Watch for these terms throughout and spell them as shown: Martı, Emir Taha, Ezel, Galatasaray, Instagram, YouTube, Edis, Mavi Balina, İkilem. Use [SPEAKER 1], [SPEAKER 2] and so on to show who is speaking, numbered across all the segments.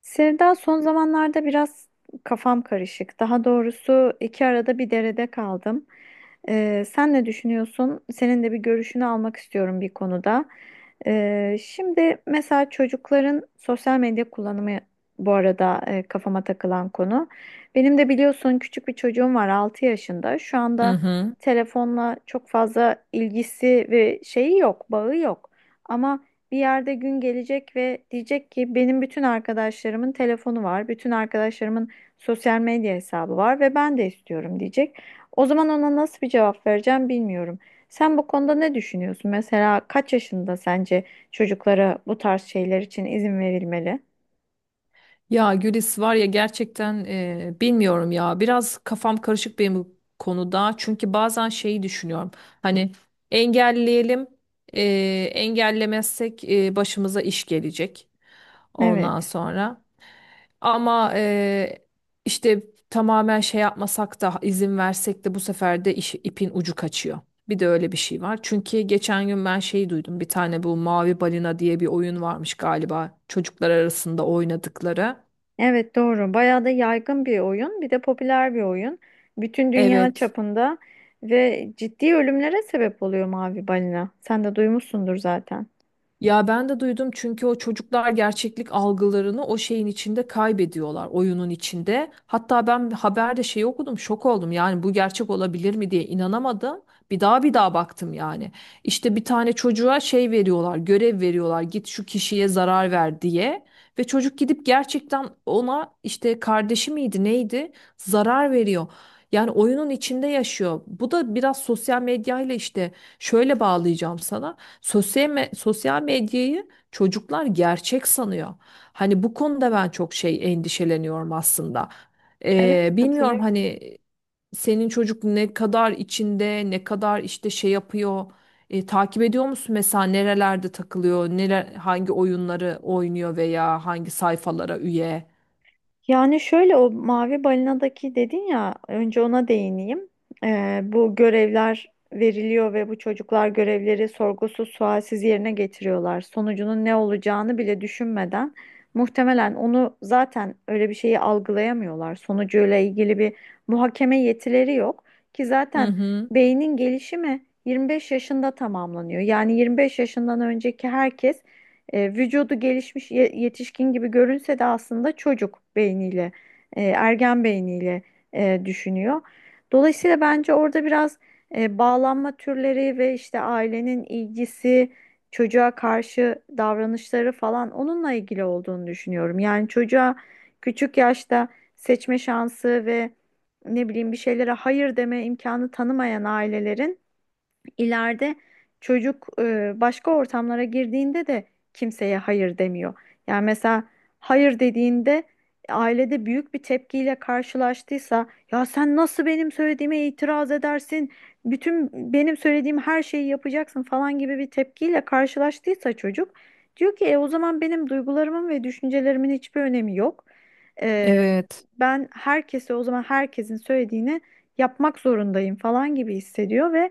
[SPEAKER 1] Sevda son zamanlarda biraz kafam karışık. Daha doğrusu iki arada bir derede kaldım. Sen ne düşünüyorsun? Senin de bir görüşünü almak istiyorum bir konuda. Şimdi mesela çocukların sosyal medya kullanımı bu arada kafama takılan konu. Benim de biliyorsun küçük bir çocuğum var 6 yaşında. Şu
[SPEAKER 2] Hı
[SPEAKER 1] anda
[SPEAKER 2] hı.
[SPEAKER 1] telefonla çok fazla ilgisi ve şeyi yok, bağı yok. Ama bir yerde gün gelecek ve diyecek ki benim bütün arkadaşlarımın telefonu var, bütün arkadaşlarımın sosyal medya hesabı var ve ben de istiyorum diyecek. O zaman ona nasıl bir cevap vereceğim bilmiyorum. Sen bu konuda ne düşünüyorsun? Mesela kaç yaşında sence çocuklara bu tarz şeyler için izin verilmeli?
[SPEAKER 2] Ya Gülis var ya gerçekten bilmiyorum ya biraz kafam karışık benim bu konuda çünkü bazen şeyi düşünüyorum hani engelleyelim e, engellemezsek başımıza iş gelecek ondan
[SPEAKER 1] Evet.
[SPEAKER 2] sonra ama işte tamamen şey yapmasak da izin versek de bu sefer de ipin ucu kaçıyor. Bir de öyle bir şey var. Çünkü geçen gün ben şeyi duydum. Bir tane bu Mavi Balina diye bir oyun varmış galiba. Çocuklar arasında oynadıkları.
[SPEAKER 1] Evet, doğru. Bayağı da yaygın bir oyun, bir de popüler bir oyun. Bütün dünya
[SPEAKER 2] Evet.
[SPEAKER 1] çapında ve ciddi ölümlere sebep oluyor mavi balina. Sen de duymuşsundur zaten.
[SPEAKER 2] Ya ben de duydum çünkü o çocuklar gerçeklik algılarını o şeyin içinde kaybediyorlar, oyunun içinde. Hatta ben haberde şey okudum, şok oldum. Yani bu gerçek olabilir mi diye inanamadım. Bir daha bir daha baktım yani. İşte bir tane çocuğa şey veriyorlar, görev veriyorlar. Git şu kişiye zarar ver diye. Ve çocuk gidip gerçekten ona işte kardeşi miydi, neydi? Zarar veriyor. Yani oyunun içinde yaşıyor. Bu da biraz sosyal medyayla işte şöyle bağlayacağım sana. Sosyal medyayı çocuklar gerçek sanıyor. Hani bu konuda ben çok şey endişeleniyorum aslında.
[SPEAKER 1] Evet,
[SPEAKER 2] Bilmiyorum
[SPEAKER 1] katılıyorum.
[SPEAKER 2] hani senin çocuk ne kadar içinde, ne kadar işte şey yapıyor. Takip ediyor musun mesela nerelerde takılıyor, neler, hangi oyunları oynuyor veya hangi sayfalara üye?
[SPEAKER 1] Yani şöyle o mavi balinadaki dedin ya önce ona değineyim. Bu görevler veriliyor ve bu çocuklar görevleri sorgusuz sualsiz yerine getiriyorlar. Sonucunun ne olacağını bile düşünmeden muhtemelen onu zaten öyle bir şeyi algılayamıyorlar. Sonucuyla ilgili bir muhakeme yetileri yok ki
[SPEAKER 2] Hı
[SPEAKER 1] zaten
[SPEAKER 2] hı.
[SPEAKER 1] beynin gelişimi 25 yaşında tamamlanıyor. Yani 25 yaşından önceki herkes vücudu gelişmiş yetişkin gibi görünse de aslında çocuk beyniyle, ergen beyniyle düşünüyor. Dolayısıyla bence orada biraz bağlanma türleri ve işte ailenin ilgisi, çocuğa karşı davranışları falan onunla ilgili olduğunu düşünüyorum. Yani çocuğa küçük yaşta seçme şansı ve ne bileyim bir şeylere hayır deme imkanı tanımayan ailelerin ileride çocuk başka ortamlara girdiğinde de kimseye hayır demiyor. Yani mesela hayır dediğinde ailede büyük bir tepkiyle karşılaştıysa ya sen nasıl benim söylediğime itiraz edersin? Bütün benim söylediğim her şeyi yapacaksın falan gibi bir tepkiyle karşılaştıysa çocuk diyor ki o zaman benim duygularımın ve düşüncelerimin hiçbir önemi yok. E,
[SPEAKER 2] Evet.
[SPEAKER 1] Ben herkese o zaman herkesin söylediğini yapmak zorundayım falan gibi hissediyor ve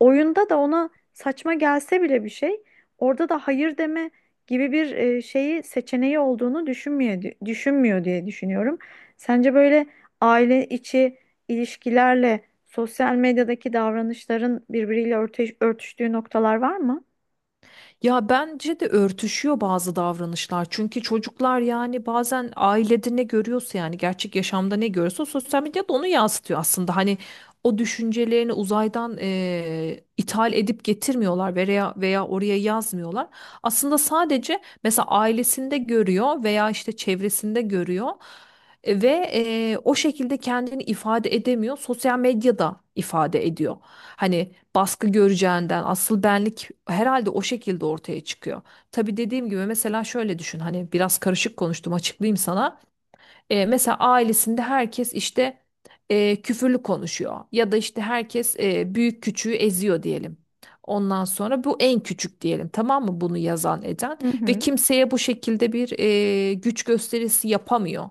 [SPEAKER 1] oyunda da ona saçma gelse bile bir şey orada da hayır deme gibi bir şeyi seçeneği olduğunu düşünmüyor diye düşünüyorum. Sence böyle aile içi ilişkilerle sosyal medyadaki davranışların birbiriyle örtüştüğü noktalar var mı?
[SPEAKER 2] Ya bence de örtüşüyor bazı davranışlar. Çünkü çocuklar yani bazen ailede ne görüyorsa yani gerçek yaşamda ne görüyorsa sosyal medyada onu yansıtıyor aslında. Hani o düşüncelerini uzaydan ithal edip getirmiyorlar veya oraya yazmıyorlar. Aslında sadece mesela ailesinde görüyor veya işte çevresinde görüyor. E, ve O şekilde kendini ifade edemiyor. Sosyal medyada ifade ediyor. Hani baskı göreceğinden asıl benlik herhalde o şekilde ortaya çıkıyor. Tabii dediğim gibi mesela şöyle düşün hani biraz karışık konuştum açıklayayım sana. Mesela ailesinde herkes işte küfürlü konuşuyor ya da işte herkes büyük küçüğü eziyor diyelim. Ondan sonra bu en küçük diyelim tamam mı bunu yazan eden
[SPEAKER 1] Hı
[SPEAKER 2] ve
[SPEAKER 1] hı.
[SPEAKER 2] kimseye bu şekilde bir güç gösterisi yapamıyor.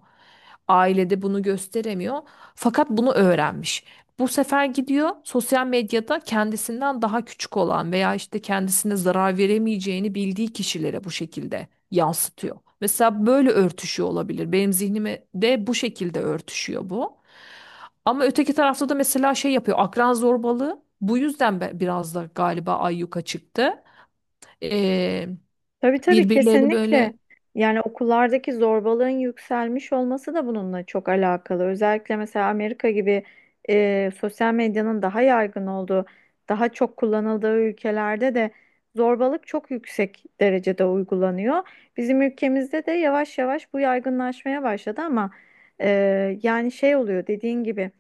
[SPEAKER 2] Ailede bunu gösteremiyor fakat bunu öğrenmiş. Bu sefer gidiyor sosyal medyada kendisinden daha küçük olan veya işte kendisine zarar veremeyeceğini bildiği kişilere bu şekilde yansıtıyor. Mesela böyle örtüşüyor olabilir. Benim zihnime de bu şekilde örtüşüyor bu. Ama öteki tarafta da mesela şey yapıyor. Akran zorbalığı bu yüzden biraz da galiba ayyuka çıktı. Ee,
[SPEAKER 1] Tabii tabii,
[SPEAKER 2] Birbirlerini
[SPEAKER 1] kesinlikle.
[SPEAKER 2] böyle
[SPEAKER 1] Yani okullardaki zorbalığın yükselmiş olması da bununla çok alakalı. Özellikle mesela Amerika gibi sosyal medyanın daha yaygın olduğu, daha çok kullanıldığı ülkelerde de zorbalık çok yüksek derecede uygulanıyor. Bizim ülkemizde de yavaş yavaş bu yaygınlaşmaya başladı ama yani şey oluyor dediğin gibi.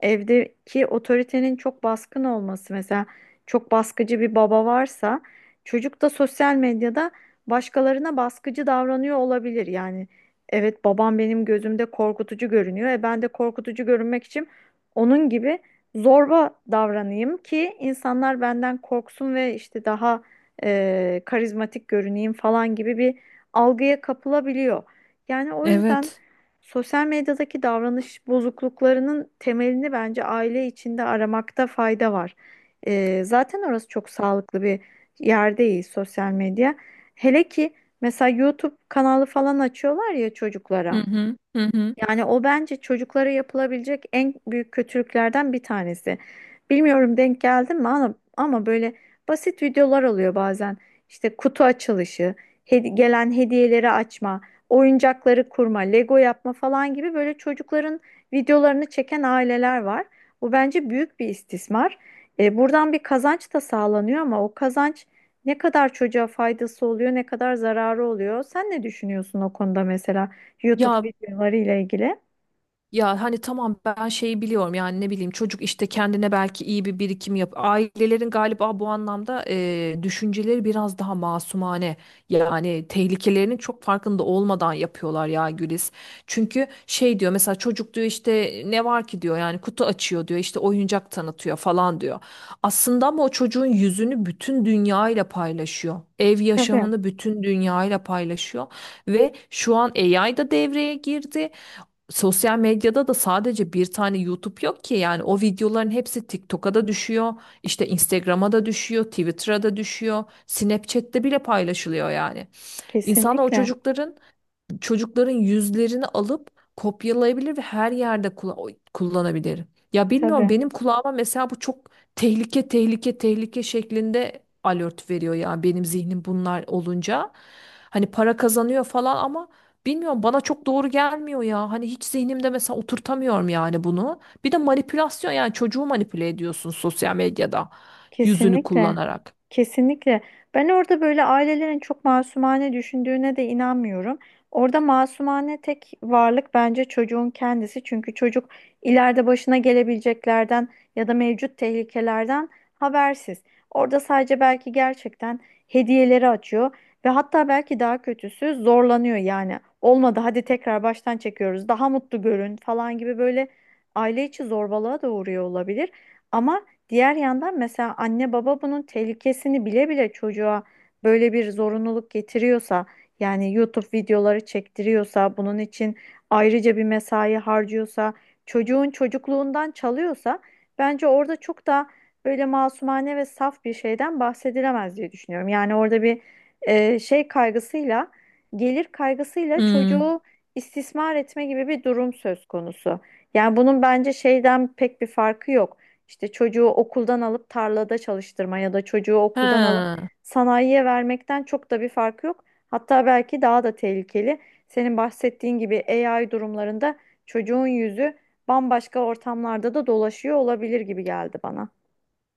[SPEAKER 1] Evdeki otoritenin çok baskın olması mesela çok baskıcı bir baba varsa çocuk da sosyal medyada başkalarına baskıcı davranıyor olabilir. Yani evet, babam benim gözümde korkutucu görünüyor. E ben de korkutucu görünmek için onun gibi zorba davranayım ki insanlar benden korksun ve işte daha karizmatik görüneyim falan gibi bir algıya kapılabiliyor. Yani o yüzden
[SPEAKER 2] evet.
[SPEAKER 1] sosyal medyadaki davranış bozukluklarının temelini bence aile içinde aramakta fayda var. Zaten orası çok sağlıklı bir yer değil sosyal medya. Hele ki mesela YouTube kanalı falan açıyorlar ya
[SPEAKER 2] Hı
[SPEAKER 1] çocuklara.
[SPEAKER 2] hı, hı hı.
[SPEAKER 1] Yani o bence çocuklara yapılabilecek en büyük kötülüklerden bir tanesi. Bilmiyorum denk geldin mi ama böyle basit videolar oluyor bazen. İşte kutu açılışı, gelen hediyeleri açma, oyuncakları kurma, Lego yapma falan gibi böyle çocukların videolarını çeken aileler var. Bu bence büyük bir istismar. Buradan bir kazanç da sağlanıyor ama o kazanç ne kadar çocuğa faydası oluyor, ne kadar zararı oluyor? Sen ne düşünüyorsun o konuda mesela? YouTube
[SPEAKER 2] Ya
[SPEAKER 1] videoları ile ilgili.
[SPEAKER 2] Ya hani tamam ben şeyi biliyorum yani ne bileyim çocuk işte kendine belki iyi bir birikim yap. Ailelerin galiba bu anlamda düşünceleri biraz daha masumane. Yani tehlikelerinin çok farkında olmadan yapıyorlar ya Güliz. Çünkü şey diyor mesela çocuk diyor işte ne var ki diyor yani kutu açıyor diyor işte oyuncak tanıtıyor falan diyor. Aslında ama o çocuğun yüzünü bütün dünyayla paylaşıyor. Ev
[SPEAKER 1] Tabii,
[SPEAKER 2] yaşamını bütün dünyayla paylaşıyor ve şu an AI da devreye girdi. Sosyal medyada da sadece bir tane YouTube yok ki yani o videoların hepsi TikTok'a da düşüyor, işte Instagram'a da düşüyor, Twitter'a da düşüyor, Snapchat'te bile paylaşılıyor yani. İnsanlar o
[SPEAKER 1] kesinlikle.
[SPEAKER 2] çocukların yüzlerini alıp kopyalayabilir ve her yerde kullanabilir. Ya bilmiyorum
[SPEAKER 1] Tabii,
[SPEAKER 2] benim kulağıma mesela bu çok tehlike tehlike şeklinde alert veriyor ya benim zihnim bunlar olunca. Hani para kazanıyor falan ama bilmiyorum bana çok doğru gelmiyor ya. Hani hiç zihnimde mesela oturtamıyorum yani bunu. Bir de manipülasyon yani çocuğu manipüle ediyorsun sosyal medyada yüzünü
[SPEAKER 1] kesinlikle.
[SPEAKER 2] kullanarak.
[SPEAKER 1] Kesinlikle. Ben orada böyle ailelerin çok masumane düşündüğüne de inanmıyorum. Orada masumane tek varlık bence çocuğun kendisi. Çünkü çocuk ileride başına gelebileceklerden ya da mevcut tehlikelerden habersiz. Orada sadece belki gerçekten hediyeleri açıyor ve hatta belki daha kötüsü zorlanıyor yani. Olmadı hadi tekrar baştan çekiyoruz. Daha mutlu görün falan gibi böyle aile içi zorbalığa da uğruyor olabilir. Ama diğer yandan mesela anne baba bunun tehlikesini bile bile çocuğa böyle bir zorunluluk getiriyorsa yani YouTube videoları çektiriyorsa bunun için ayrıca bir mesai harcıyorsa çocuğun çocukluğundan çalıyorsa bence orada çok da böyle masumane ve saf bir şeyden bahsedilemez diye düşünüyorum. Yani orada bir şey kaygısıyla, gelir kaygısıyla
[SPEAKER 2] Hmm.
[SPEAKER 1] çocuğu istismar etme gibi bir durum söz konusu. Yani bunun bence şeyden pek bir farkı yok. İşte çocuğu okuldan alıp tarlada çalıştırma ya da çocuğu okuldan alıp
[SPEAKER 2] He.
[SPEAKER 1] sanayiye vermekten çok da bir fark yok. Hatta belki daha da tehlikeli. Senin bahsettiğin gibi AI durumlarında çocuğun yüzü bambaşka ortamlarda da dolaşıyor olabilir gibi geldi bana.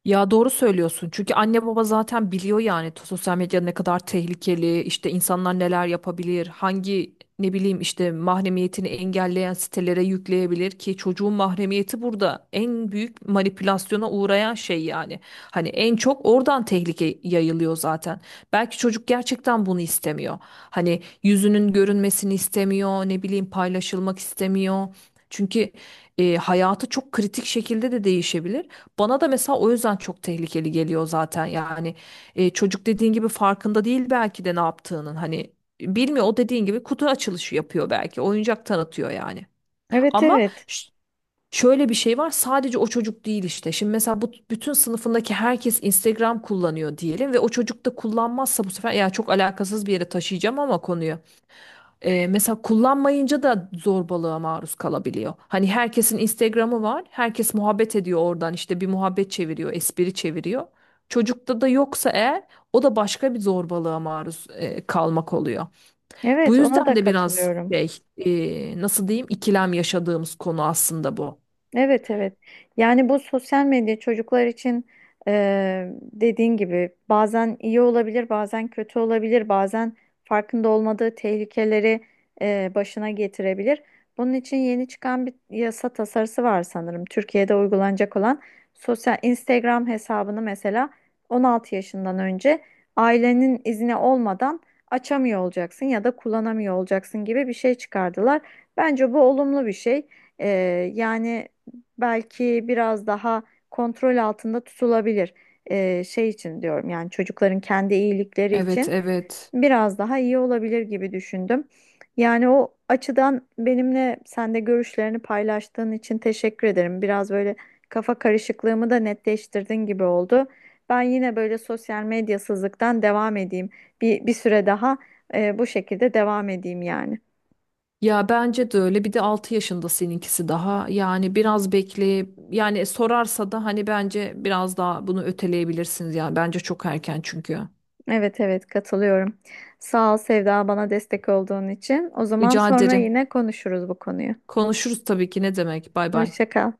[SPEAKER 2] Ya doğru söylüyorsun. Çünkü anne baba zaten biliyor yani sosyal medya ne kadar tehlikeli, işte insanlar neler yapabilir, hangi ne bileyim işte mahremiyetini engelleyen sitelere yükleyebilir ki çocuğun mahremiyeti burada en büyük manipülasyona uğrayan şey yani. Hani en çok oradan tehlike yayılıyor zaten. Belki çocuk gerçekten bunu istemiyor. Hani yüzünün görünmesini istemiyor, ne bileyim paylaşılmak istemiyor. Çünkü hayatı çok kritik şekilde de değişebilir. Bana da mesela o yüzden çok tehlikeli geliyor zaten yani. Çocuk dediğin gibi farkında değil belki de ne yaptığının hani bilmiyor. O dediğin gibi kutu açılışı yapıyor belki oyuncak tanıtıyor yani
[SPEAKER 1] Evet
[SPEAKER 2] ama
[SPEAKER 1] evet.
[SPEAKER 2] şöyle bir şey var, sadece o çocuk değil işte şimdi mesela bu bütün sınıfındaki herkes Instagram kullanıyor diyelim ve o çocuk da kullanmazsa bu sefer, ya çok alakasız bir yere taşıyacağım ama konuyu, mesela kullanmayınca da zorbalığa maruz kalabiliyor. Hani herkesin Instagram'ı var. Herkes muhabbet ediyor oradan işte bir muhabbet çeviriyor, espri çeviriyor. Çocukta da yoksa eğer o da başka bir zorbalığa maruz kalmak oluyor. Bu
[SPEAKER 1] Evet, ona
[SPEAKER 2] yüzden
[SPEAKER 1] da
[SPEAKER 2] de biraz
[SPEAKER 1] katılıyorum.
[SPEAKER 2] şey nasıl diyeyim ikilem yaşadığımız konu aslında bu.
[SPEAKER 1] Evet evet. Yani bu sosyal medya çocuklar için dediğin gibi bazen iyi olabilir, bazen kötü olabilir, bazen farkında olmadığı tehlikeleri başına getirebilir. Bunun için yeni çıkan bir yasa tasarısı var sanırım. Türkiye'de uygulanacak olan sosyal Instagram hesabını mesela 16 yaşından önce ailenin izni olmadan açamıyor olacaksın ya da kullanamıyor olacaksın gibi bir şey çıkardılar. Bence bu olumlu bir şey. Yani belki biraz daha kontrol altında tutulabilir. Şey için diyorum yani çocukların kendi iyilikleri
[SPEAKER 2] Evet,
[SPEAKER 1] için
[SPEAKER 2] evet.
[SPEAKER 1] biraz daha iyi olabilir gibi düşündüm. Yani o açıdan benimle sen de görüşlerini paylaştığın için teşekkür ederim. Biraz böyle kafa karışıklığımı da netleştirdin gibi oldu. Ben yine böyle sosyal medyasızlıktan devam edeyim. Bir süre daha bu şekilde devam edeyim yani.
[SPEAKER 2] Ya bence de öyle. Bir de 6 yaşında seninkisi daha. Yani biraz bekle. Yani sorarsa da hani bence biraz daha bunu öteleyebilirsiniz. Yani bence çok erken çünkü.
[SPEAKER 1] Evet evet, katılıyorum. Sağ ol Sevda, bana destek olduğun için. O zaman
[SPEAKER 2] Rica
[SPEAKER 1] sonra
[SPEAKER 2] ederim.
[SPEAKER 1] yine konuşuruz bu konuyu.
[SPEAKER 2] Konuşuruz tabii ki. Ne demek? Bay bay.
[SPEAKER 1] Hoşça kal.